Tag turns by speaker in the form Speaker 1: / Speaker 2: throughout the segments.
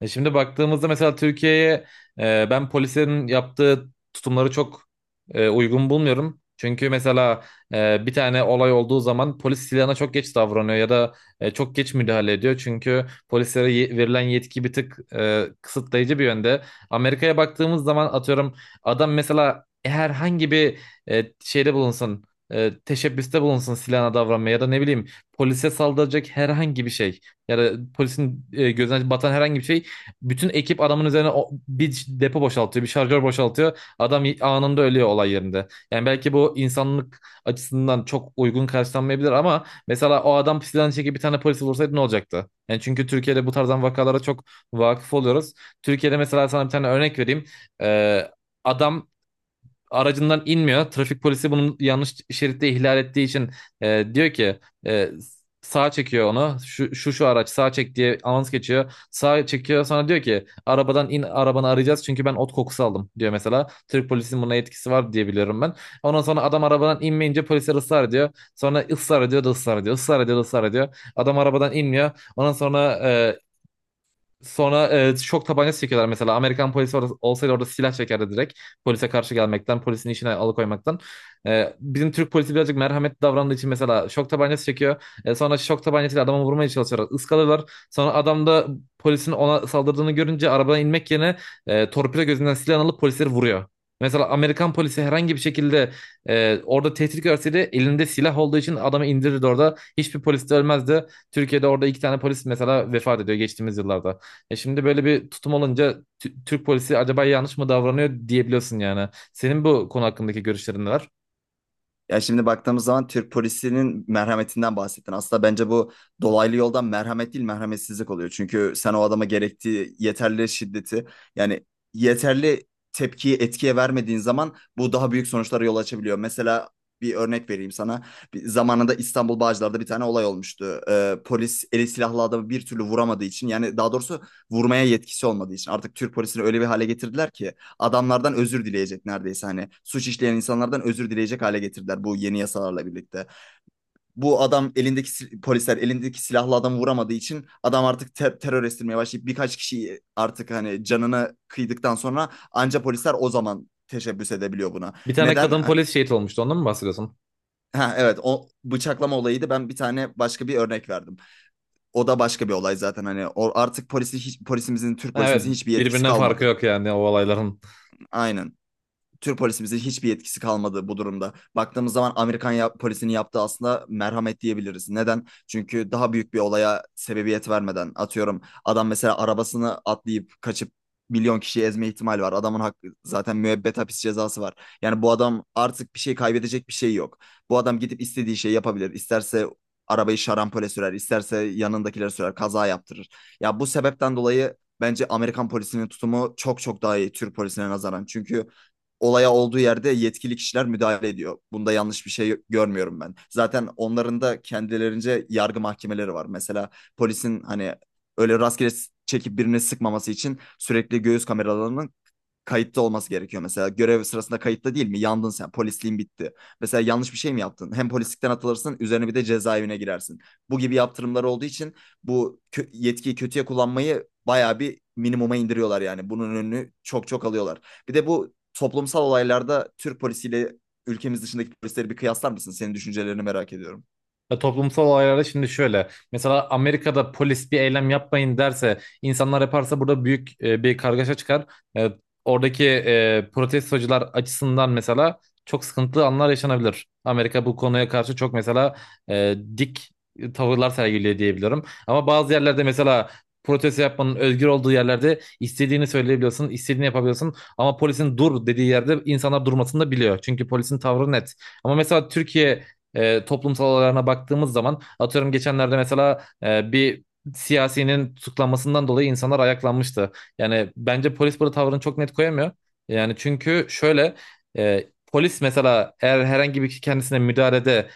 Speaker 1: Şimdi baktığımızda mesela Türkiye'ye, ben polisin yaptığı tutumları çok uygun bulmuyorum. Çünkü mesela bir tane olay olduğu zaman polis silahına çok geç davranıyor ya da çok geç müdahale ediyor. Çünkü polislere verilen yetki bir tık kısıtlayıcı bir yönde. Amerika'ya baktığımız zaman atıyorum adam mesela herhangi bir şeyde bulunsun, teşebbüste bulunsun silahına davranmaya ya da ne bileyim polise saldıracak herhangi bir şey ya da polisin gözüne batan herhangi bir şey bütün ekip adamın üzerine bir depo boşaltıyor, bir şarjör boşaltıyor. Adam anında ölüyor olay yerinde. Yani belki bu insanlık açısından çok uygun karşılanmayabilir ama mesela o adam pisilen çekip bir tane polisi vursaydı ne olacaktı? Yani çünkü Türkiye'de bu tarzdan vakalara çok vakıf oluyoruz. Türkiye'de mesela sana bir tane örnek vereyim. Ee, Adam aracından inmiyor. Trafik polisi bunun yanlış şeritte ihlal ettiği için diyor ki e, sağa çekiyor onu. Şu araç sağa çek diye anons geçiyor. Sağa çekiyor sonra diyor ki arabadan in arabanı arayacağız çünkü ben ot kokusu aldım diyor mesela. Türk polisinin buna etkisi var diye biliyorum ben. Ondan sonra adam arabadan inmeyince polisler ısrar ediyor. Sonra ısrar ediyor da ısrar ediyor. Israr ediyor da ısrar ediyor. Adam arabadan inmiyor. Ondan sonra sonra şok tabancası çekiyorlar mesela. Amerikan polisi orada, olsaydı orada silah çekerdi direkt. Polise karşı gelmekten, polisin işine alıkoymaktan. Bizim Türk polisi birazcık merhametli davrandığı için mesela şok tabancası çekiyor. Sonra şok tabancasıyla adamı vurmaya çalışıyorlar. Iskalıyorlar. Sonra adam da polisin ona saldırdığını görünce arabadan inmek yerine torpido gözünden silah alıp polisleri vuruyor. Mesela Amerikan polisi herhangi bir şekilde orada tehdit görseydi elinde silah olduğu için adamı indirirdi orada. Hiçbir polis de ölmezdi. Türkiye'de orada iki tane polis mesela vefat ediyor geçtiğimiz yıllarda. Şimdi böyle bir tutum olunca Türk polisi acaba yanlış mı davranıyor diyebiliyorsun yani. Senin bu konu hakkındaki görüşlerin neler?
Speaker 2: Ya şimdi baktığımız zaman Türk polisinin merhametinden bahsettin. Aslında bence bu dolaylı yoldan merhamet değil merhametsizlik oluyor. Çünkü sen o adama gerektiği yeterli şiddeti yani yeterli tepkiyi etkiye vermediğin zaman bu daha büyük sonuçlara yol açabiliyor. Mesela bir örnek vereyim sana. Bir, zamanında İstanbul Bağcılar'da bir tane olay olmuştu. Polis eli silahlı adamı bir türlü vuramadığı için yani daha doğrusu vurmaya yetkisi olmadığı için artık Türk polisini öyle bir hale getirdiler ki adamlardan özür dileyecek neredeyse hani suç işleyen insanlardan özür dileyecek hale getirdiler bu yeni yasalarla birlikte. Bu adam elindeki polisler elindeki silahlı adamı vuramadığı için adam artık terör estirmeye başlayıp birkaç kişiyi artık hani canını kıydıktan sonra anca polisler o zaman teşebbüs edebiliyor buna.
Speaker 1: Bir tane
Speaker 2: Neden?
Speaker 1: kadın polis şehit olmuştu. Ondan mı bahsediyorsun?
Speaker 2: Ha, evet o bıçaklama olayıydı. Ben bir tane başka bir örnek verdim. O da başka bir olay zaten hani o artık polisi hiç, polisimizin Türk polisimizin
Speaker 1: Evet,
Speaker 2: hiçbir yetkisi
Speaker 1: birbirinden farkı
Speaker 2: kalmadı.
Speaker 1: yok yani o olayların.
Speaker 2: Aynen. Türk polisimizin hiçbir yetkisi kalmadı bu durumda. Baktığımız zaman Amerikan polisinin yaptığı aslında merhamet diyebiliriz. Neden? Çünkü daha büyük bir olaya sebebiyet vermeden atıyorum adam mesela arabasını atlayıp kaçıp milyon kişiyi ezme ihtimali var. Adamın hakkı zaten müebbet hapis cezası var. Yani bu adam artık bir şey kaybedecek bir şey yok. Bu adam gidip istediği şeyi yapabilir. İsterse arabayı şarampole sürer, isterse yanındakileri sürer, kaza yaptırır. Ya bu sebepten dolayı bence Amerikan polisinin tutumu çok çok daha iyi Türk polisine nazaran. Çünkü olaya olduğu yerde yetkili kişiler müdahale ediyor. Bunda yanlış bir şey görmüyorum ben. Zaten onların da kendilerince yargı mahkemeleri var. Mesela polisin hani öyle rastgele çekip birine sıkmaması için sürekli göğüs kameralarının kayıtta olması gerekiyor. Mesela görev sırasında kayıtta değil mi? Yandın sen. Polisliğin bitti. Mesela yanlış bir şey mi yaptın? Hem polislikten atılırsın, üzerine bir de cezaevine girersin. Bu gibi yaptırımlar olduğu için bu yetkiyi kötüye kullanmayı bayağı bir minimuma indiriyorlar yani. Bunun önünü çok çok alıyorlar. Bir de bu toplumsal olaylarda Türk polisiyle ülkemiz dışındaki polisleri bir kıyaslar mısın? Senin düşüncelerini merak ediyorum.
Speaker 1: Ya toplumsal olaylarda şimdi şöyle. Mesela Amerika'da polis bir eylem yapmayın derse, insanlar yaparsa burada büyük bir kargaşa çıkar. E, Oradaki protestocular açısından mesela çok sıkıntılı anlar yaşanabilir. Amerika bu konuya karşı çok mesela dik tavırlar sergiliyor diyebiliyorum. Ama bazı yerlerde mesela protesto yapmanın özgür olduğu yerlerde istediğini söyleyebiliyorsun, istediğini yapabiliyorsun. Ama polisin dur dediği yerde insanlar durmasını da biliyor. Çünkü polisin tavrı net. Ama mesela Türkiye toplumsal olaylarına baktığımız zaman atıyorum geçenlerde mesela bir siyasinin tutuklanmasından dolayı insanlar ayaklanmıştı. Yani bence polis burada tavrını çok net koyamıyor. Yani çünkü şöyle e, polis mesela eğer herhangi bir kişi kendisine müdahalede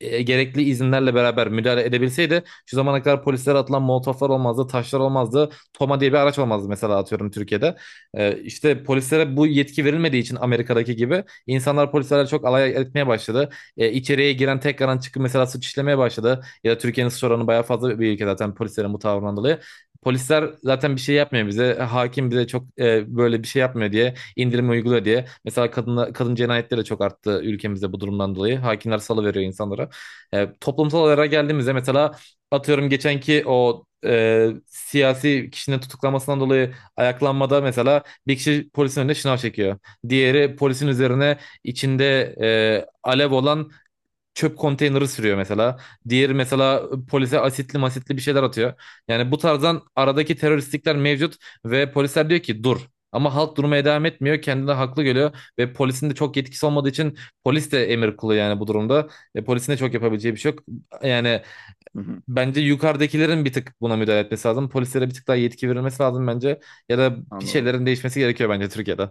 Speaker 1: gerekli izinlerle beraber müdahale edebilseydi şu zamana kadar polislere atılan molotoflar olmazdı, taşlar olmazdı, Toma diye bir araç olmazdı mesela atıyorum Türkiye'de. İşte polislere bu yetki verilmediği için Amerika'daki gibi insanlar polislerle çok alay etmeye başladı, içeriye giren tekrardan çıkıp mesela suç işlemeye başladı. Ya da Türkiye'nin suç oranı bayağı fazla bir ülke zaten polislerin bu tavrından dolayı. Polisler zaten bir şey yapmıyor bize. Hakim bize çok böyle bir şey yapmıyor diye indirim uyguluyor diye. Mesela kadın cinayetleri de çok arttı ülkemizde bu durumdan dolayı. Hakimler salıveriyor insanlara. Toplumsal olaylara geldiğimizde mesela atıyorum geçenki o siyasi kişinin tutuklanmasından dolayı ayaklanmada mesela bir kişi polisin önüne şınav çekiyor. Diğeri polisin üzerine içinde alev olan çöp konteyneri sürüyor mesela. Diğeri mesela polise asitli masitli bir şeyler atıyor. Yani bu tarzdan aradaki teröristlikler mevcut ve polisler diyor ki dur. Ama halk durmaya devam etmiyor. Kendini haklı görüyor ve polisin de çok yetkisi olmadığı için polis de emir kulu yani bu durumda. Polisin de çok yapabileceği bir şey yok. Yani
Speaker 2: Hı hı,
Speaker 1: bence yukarıdakilerin bir tık buna müdahale etmesi lazım. Polislere bir tık daha yetki verilmesi lazım bence. Ya da bir
Speaker 2: anladım.
Speaker 1: şeylerin değişmesi gerekiyor bence Türkiye'de.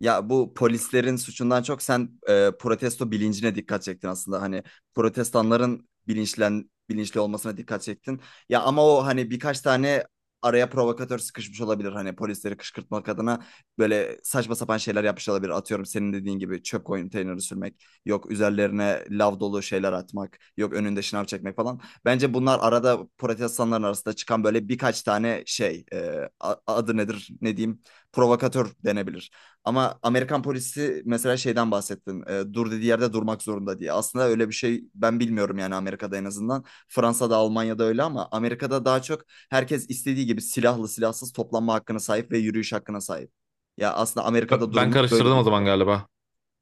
Speaker 2: Ya bu polislerin suçundan çok sen protesto bilincine dikkat çektin aslında. Hani protestanların bilinçli olmasına dikkat çektin. Ya ama o hani birkaç tane araya provokatör sıkışmış olabilir. Hani polisleri kışkırtmak adına böyle saçma sapan şeyler yapmış olabilir. Atıyorum senin dediğin gibi çöp konteyneri sürmek, yok üzerlerine lav dolu şeyler atmak, yok önünde şınav çekmek falan. Bence bunlar arada protestanların arasında çıkan böyle birkaç tane şey, adı nedir, ne diyeyim, provokatör denebilir. Ama Amerikan polisi mesela şeyden bahsettin. Dur dediği yerde durmak zorunda diye. Aslında öyle bir şey ben bilmiyorum yani Amerika'da en azından. Fransa'da, Almanya'da öyle ama Amerika'da daha çok herkes istediği gibi silahlı silahsız toplanma hakkına sahip ve yürüyüş hakkına sahip. Ya aslında Amerika'da
Speaker 1: Ben
Speaker 2: durum böyle
Speaker 1: karıştırdım o zaman
Speaker 2: diyebiliyorum.
Speaker 1: galiba.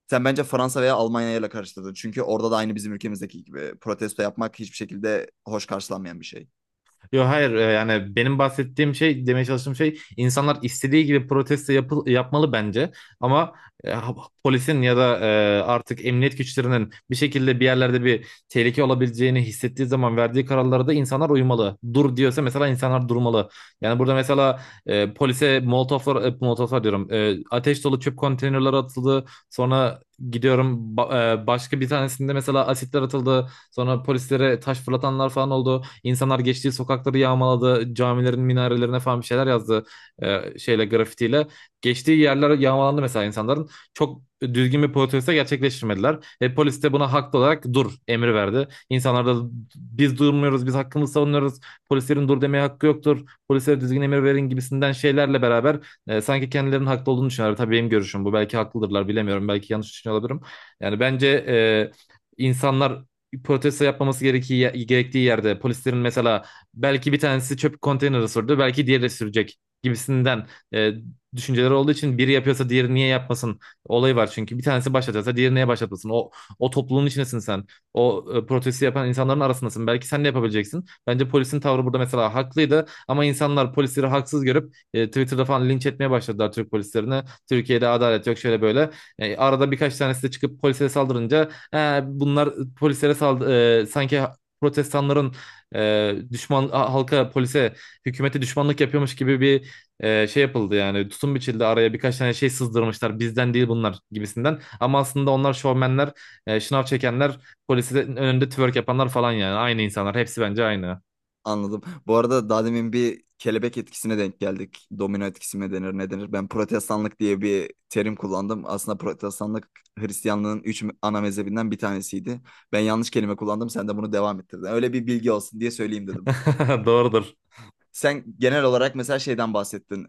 Speaker 2: Sen bence Fransa veya Almanya'yla karıştırdın. Çünkü orada da aynı bizim ülkemizdeki gibi protesto yapmak hiçbir şekilde hoş karşılanmayan bir şey.
Speaker 1: Yok hayır, yani benim bahsettiğim şey, demeye çalıştığım şey insanlar istediği gibi yapmalı bence, ama e, ha- polisin ya da artık emniyet güçlerinin bir şekilde bir yerlerde bir tehlike olabileceğini hissettiği zaman verdiği kararlara da insanlar uymalı. Dur diyorsa mesela insanlar durmalı. Yani burada mesela polise molotoflar, ateş dolu çöp konteynerleri atıldı sonra başka bir tanesinde mesela asitler atıldı sonra polislere taş fırlatanlar falan oldu. İnsanlar geçtiği sokakları yağmaladı. Camilerin minarelerine falan bir şeyler yazdı, şeyle, grafitiyle. Geçtiği yerler yağmalandı mesela insanların. Çok düzgün bir protesto gerçekleştirmediler. Ve polis de buna haklı olarak dur emri verdi. İnsanlar da biz durmuyoruz, biz hakkımızı savunuyoruz. Polislerin dur demeye hakkı yoktur. Polislere düzgün emir verin gibisinden şeylerle beraber sanki kendilerinin haklı olduğunu düşünüyorlar. Tabii benim görüşüm bu. Belki haklıdırlar, bilemiyorum. Belki yanlış düşünüyor olabilirim. Yani bence insanlar protesto yapmaması gerektiği, gerektiği yerde polislerin mesela belki bir tanesi çöp konteyneri sürdü, belki diğeri sürecek gibisinden e, düşünceleri olduğu için biri yapıyorsa diğeri niye yapmasın olayı var, çünkü bir tanesi başlatıyorsa diğeri niye başlatmasın? O topluluğun içindesin sen, o protesto yapan insanların arasındasın, belki sen de yapabileceksin. Bence polisin tavrı burada mesela haklıydı ama insanlar polisleri haksız görüp Twitter'da falan linç etmeye başladılar Türk polislerine. Türkiye'de adalet yok, şöyle böyle. Arada birkaç tanesi de çıkıp polise saldırınca, "Ha, bunlar polislere sanki protestanların halka, polise, hükümete düşmanlık yapıyormuş gibi bir şey yapıldı yani, tutum biçildi, araya birkaç tane şey sızdırmışlar, bizden değil bunlar gibisinden, ama aslında onlar şovmenler, şınav çekenler, polisin önünde twerk yapanlar falan. Yani aynı insanlar hepsi, bence aynı.
Speaker 2: Anladım. Bu arada daha demin bir kelebek etkisine denk geldik. Domino etkisi mi denir ne denir? Ben protestanlık diye bir terim kullandım. Aslında protestanlık Hristiyanlığın üç ana mezhebinden bir tanesiydi. Ben yanlış kelime kullandım. Sen de bunu devam ettirdin. Öyle bir bilgi olsun diye söyleyeyim dedim.
Speaker 1: Doğrudur.
Speaker 2: Sen genel olarak mesela şeyden bahsettin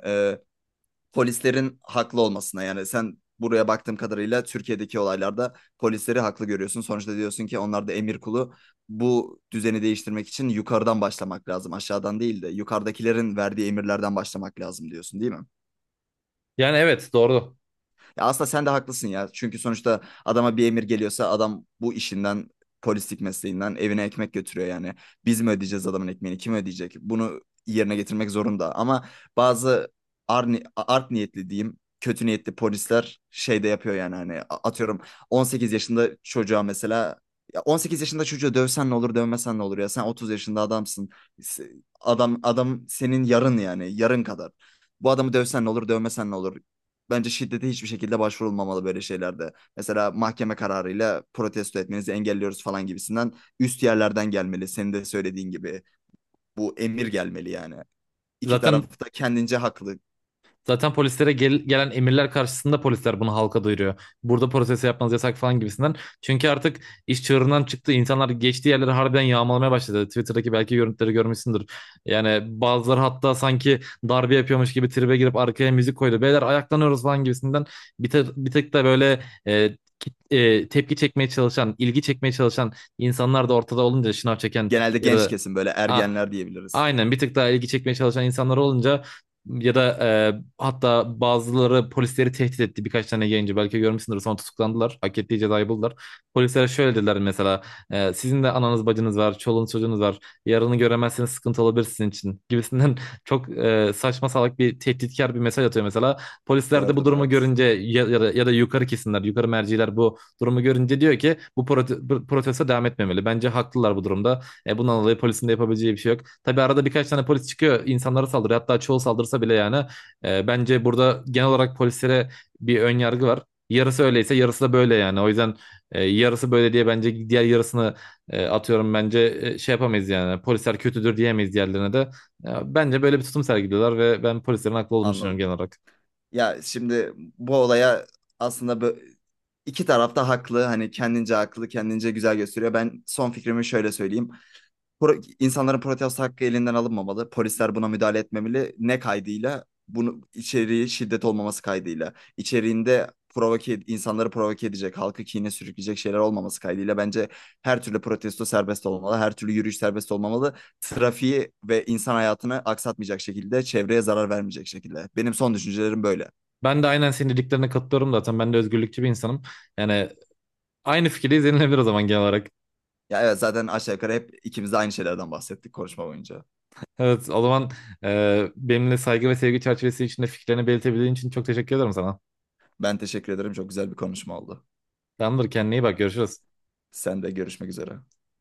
Speaker 2: polislerin haklı olmasına yani sen buraya baktığım kadarıyla Türkiye'deki olaylarda polisleri haklı görüyorsun. Sonuçta diyorsun ki onlar da emir kulu. Bu düzeni değiştirmek için yukarıdan başlamak lazım. Aşağıdan değil de yukarıdakilerin verdiği emirlerden başlamak lazım diyorsun, değil mi?
Speaker 1: Yani evet, doğru.
Speaker 2: Ya aslında sen de haklısın ya. Çünkü sonuçta adama bir emir geliyorsa adam bu işinden, polislik mesleğinden evine ekmek götürüyor yani. Biz mi ödeyeceğiz adamın ekmeğini? Kim ödeyecek? Bunu yerine getirmek zorunda. Ama bazı art niyetli diyeyim, kötü niyetli polisler şey de yapıyor yani hani atıyorum 18 yaşında çocuğa mesela ya 18 yaşında çocuğu dövsen ne olur, dövmesen ne olur ya. Sen 30 yaşında adamsın. Adam adam senin yarın yani, yarın kadar. Bu adamı dövsen ne olur, dövmesen ne olur? Bence şiddete hiçbir şekilde başvurulmamalı böyle şeylerde. Mesela mahkeme kararıyla protesto etmenizi engelliyoruz falan gibisinden üst yerlerden gelmeli. Senin de söylediğin gibi bu emir gelmeli yani. İki
Speaker 1: zaten
Speaker 2: taraf da kendince haklı.
Speaker 1: Zaten polislere gelen emirler karşısında polisler bunu halka duyuruyor. Burada protest yapmanız yasak falan gibisinden. Çünkü artık iş çığırından çıktı. İnsanlar geçtiği yerleri harbiden yağmalamaya başladı. Twitter'daki belki görüntüleri görmüşsündür. Yani bazıları hatta sanki darbe yapıyormuş gibi tribe girip arkaya müzik koydu. Beyler ayaklanıyoruz falan gibisinden. Bir tek de böyle tepki çekmeye çalışan, ilgi çekmeye çalışan insanlar da ortada olunca, şınav çeken
Speaker 2: Genelde
Speaker 1: ya
Speaker 2: genç
Speaker 1: da
Speaker 2: kesim böyle
Speaker 1: a-
Speaker 2: ergenler diyebiliriz.
Speaker 1: aynen bir tık daha ilgi çekmeye çalışan insanlar olunca, ya da hatta bazıları polisleri tehdit etti. Birkaç tane yayıncı belki görmüşsündür, sonra tutuklandılar, hak ettiği cezayı buldular. Polislere şöyle dediler mesela, sizin de ananız bacınız var, çoluğunuz çocuğunuz var, yarını göremezseniz sıkıntı olabilir sizin için gibisinden. Çok saçma salak bir tehditkar bir mesaj atıyor mesela. Polisler de bu
Speaker 2: Gördüm
Speaker 1: durumu
Speaker 2: evet.
Speaker 1: görünce ya da yukarı kesimler, yukarı merciler bu durumu görünce diyor ki bu protesto devam etmemeli. Bence haklılar bu durumda. Bundan dolayı polisin de yapabileceği bir şey yok. Tabii arada birkaç tane polis çıkıyor insanlara saldırıyor. Hatta çoğu saldırsa bile yani, bence burada genel olarak polislere bir ön yargı var. Yarısı öyleyse yarısı da böyle yani. O yüzden yarısı böyle diye bence diğer yarısını şey yapamayız yani. Polisler kötüdür diyemeyiz diğerlerine de. Ya, bence böyle bir tutum sergiliyorlar ve ben polislerin haklı olduğunu düşünüyorum
Speaker 2: Anladım.
Speaker 1: genel olarak.
Speaker 2: Ya şimdi bu olaya aslında iki taraf da haklı. Hani kendince haklı, kendince güzel gösteriyor. Ben son fikrimi şöyle söyleyeyim. İnsanların protesto hakkı elinden alınmamalı. Polisler buna müdahale etmemeli. Ne kaydıyla? Bunu içeriği şiddet olmaması kaydıyla. İçeriğinde provoke, insanları provoke edecek, halkı kine sürükleyecek şeyler olmaması kaydıyla bence her türlü protesto serbest olmalı, her türlü yürüyüş serbest olmamalı. Trafiği ve insan hayatını aksatmayacak şekilde, çevreye zarar vermeyecek şekilde. Benim son düşüncelerim böyle.
Speaker 1: Ben de aynen senin dediklerine katılıyorum zaten. Ben de özgürlükçü bir insanım. Yani aynı fikirdeyiz, yenilebilir o zaman genel olarak.
Speaker 2: Ya evet zaten aşağı yukarı hep ikimiz de aynı şeylerden bahsettik konuşma boyunca.
Speaker 1: Evet, o zaman benimle saygı ve sevgi çerçevesi içinde fikirlerini belirtebildiğin için çok teşekkür ederim sana.
Speaker 2: Ben teşekkür ederim. Çok güzel bir konuşma oldu.
Speaker 1: Tamamdır, kendine iyi bak, görüşürüz.
Speaker 2: Sen de görüşmek üzere.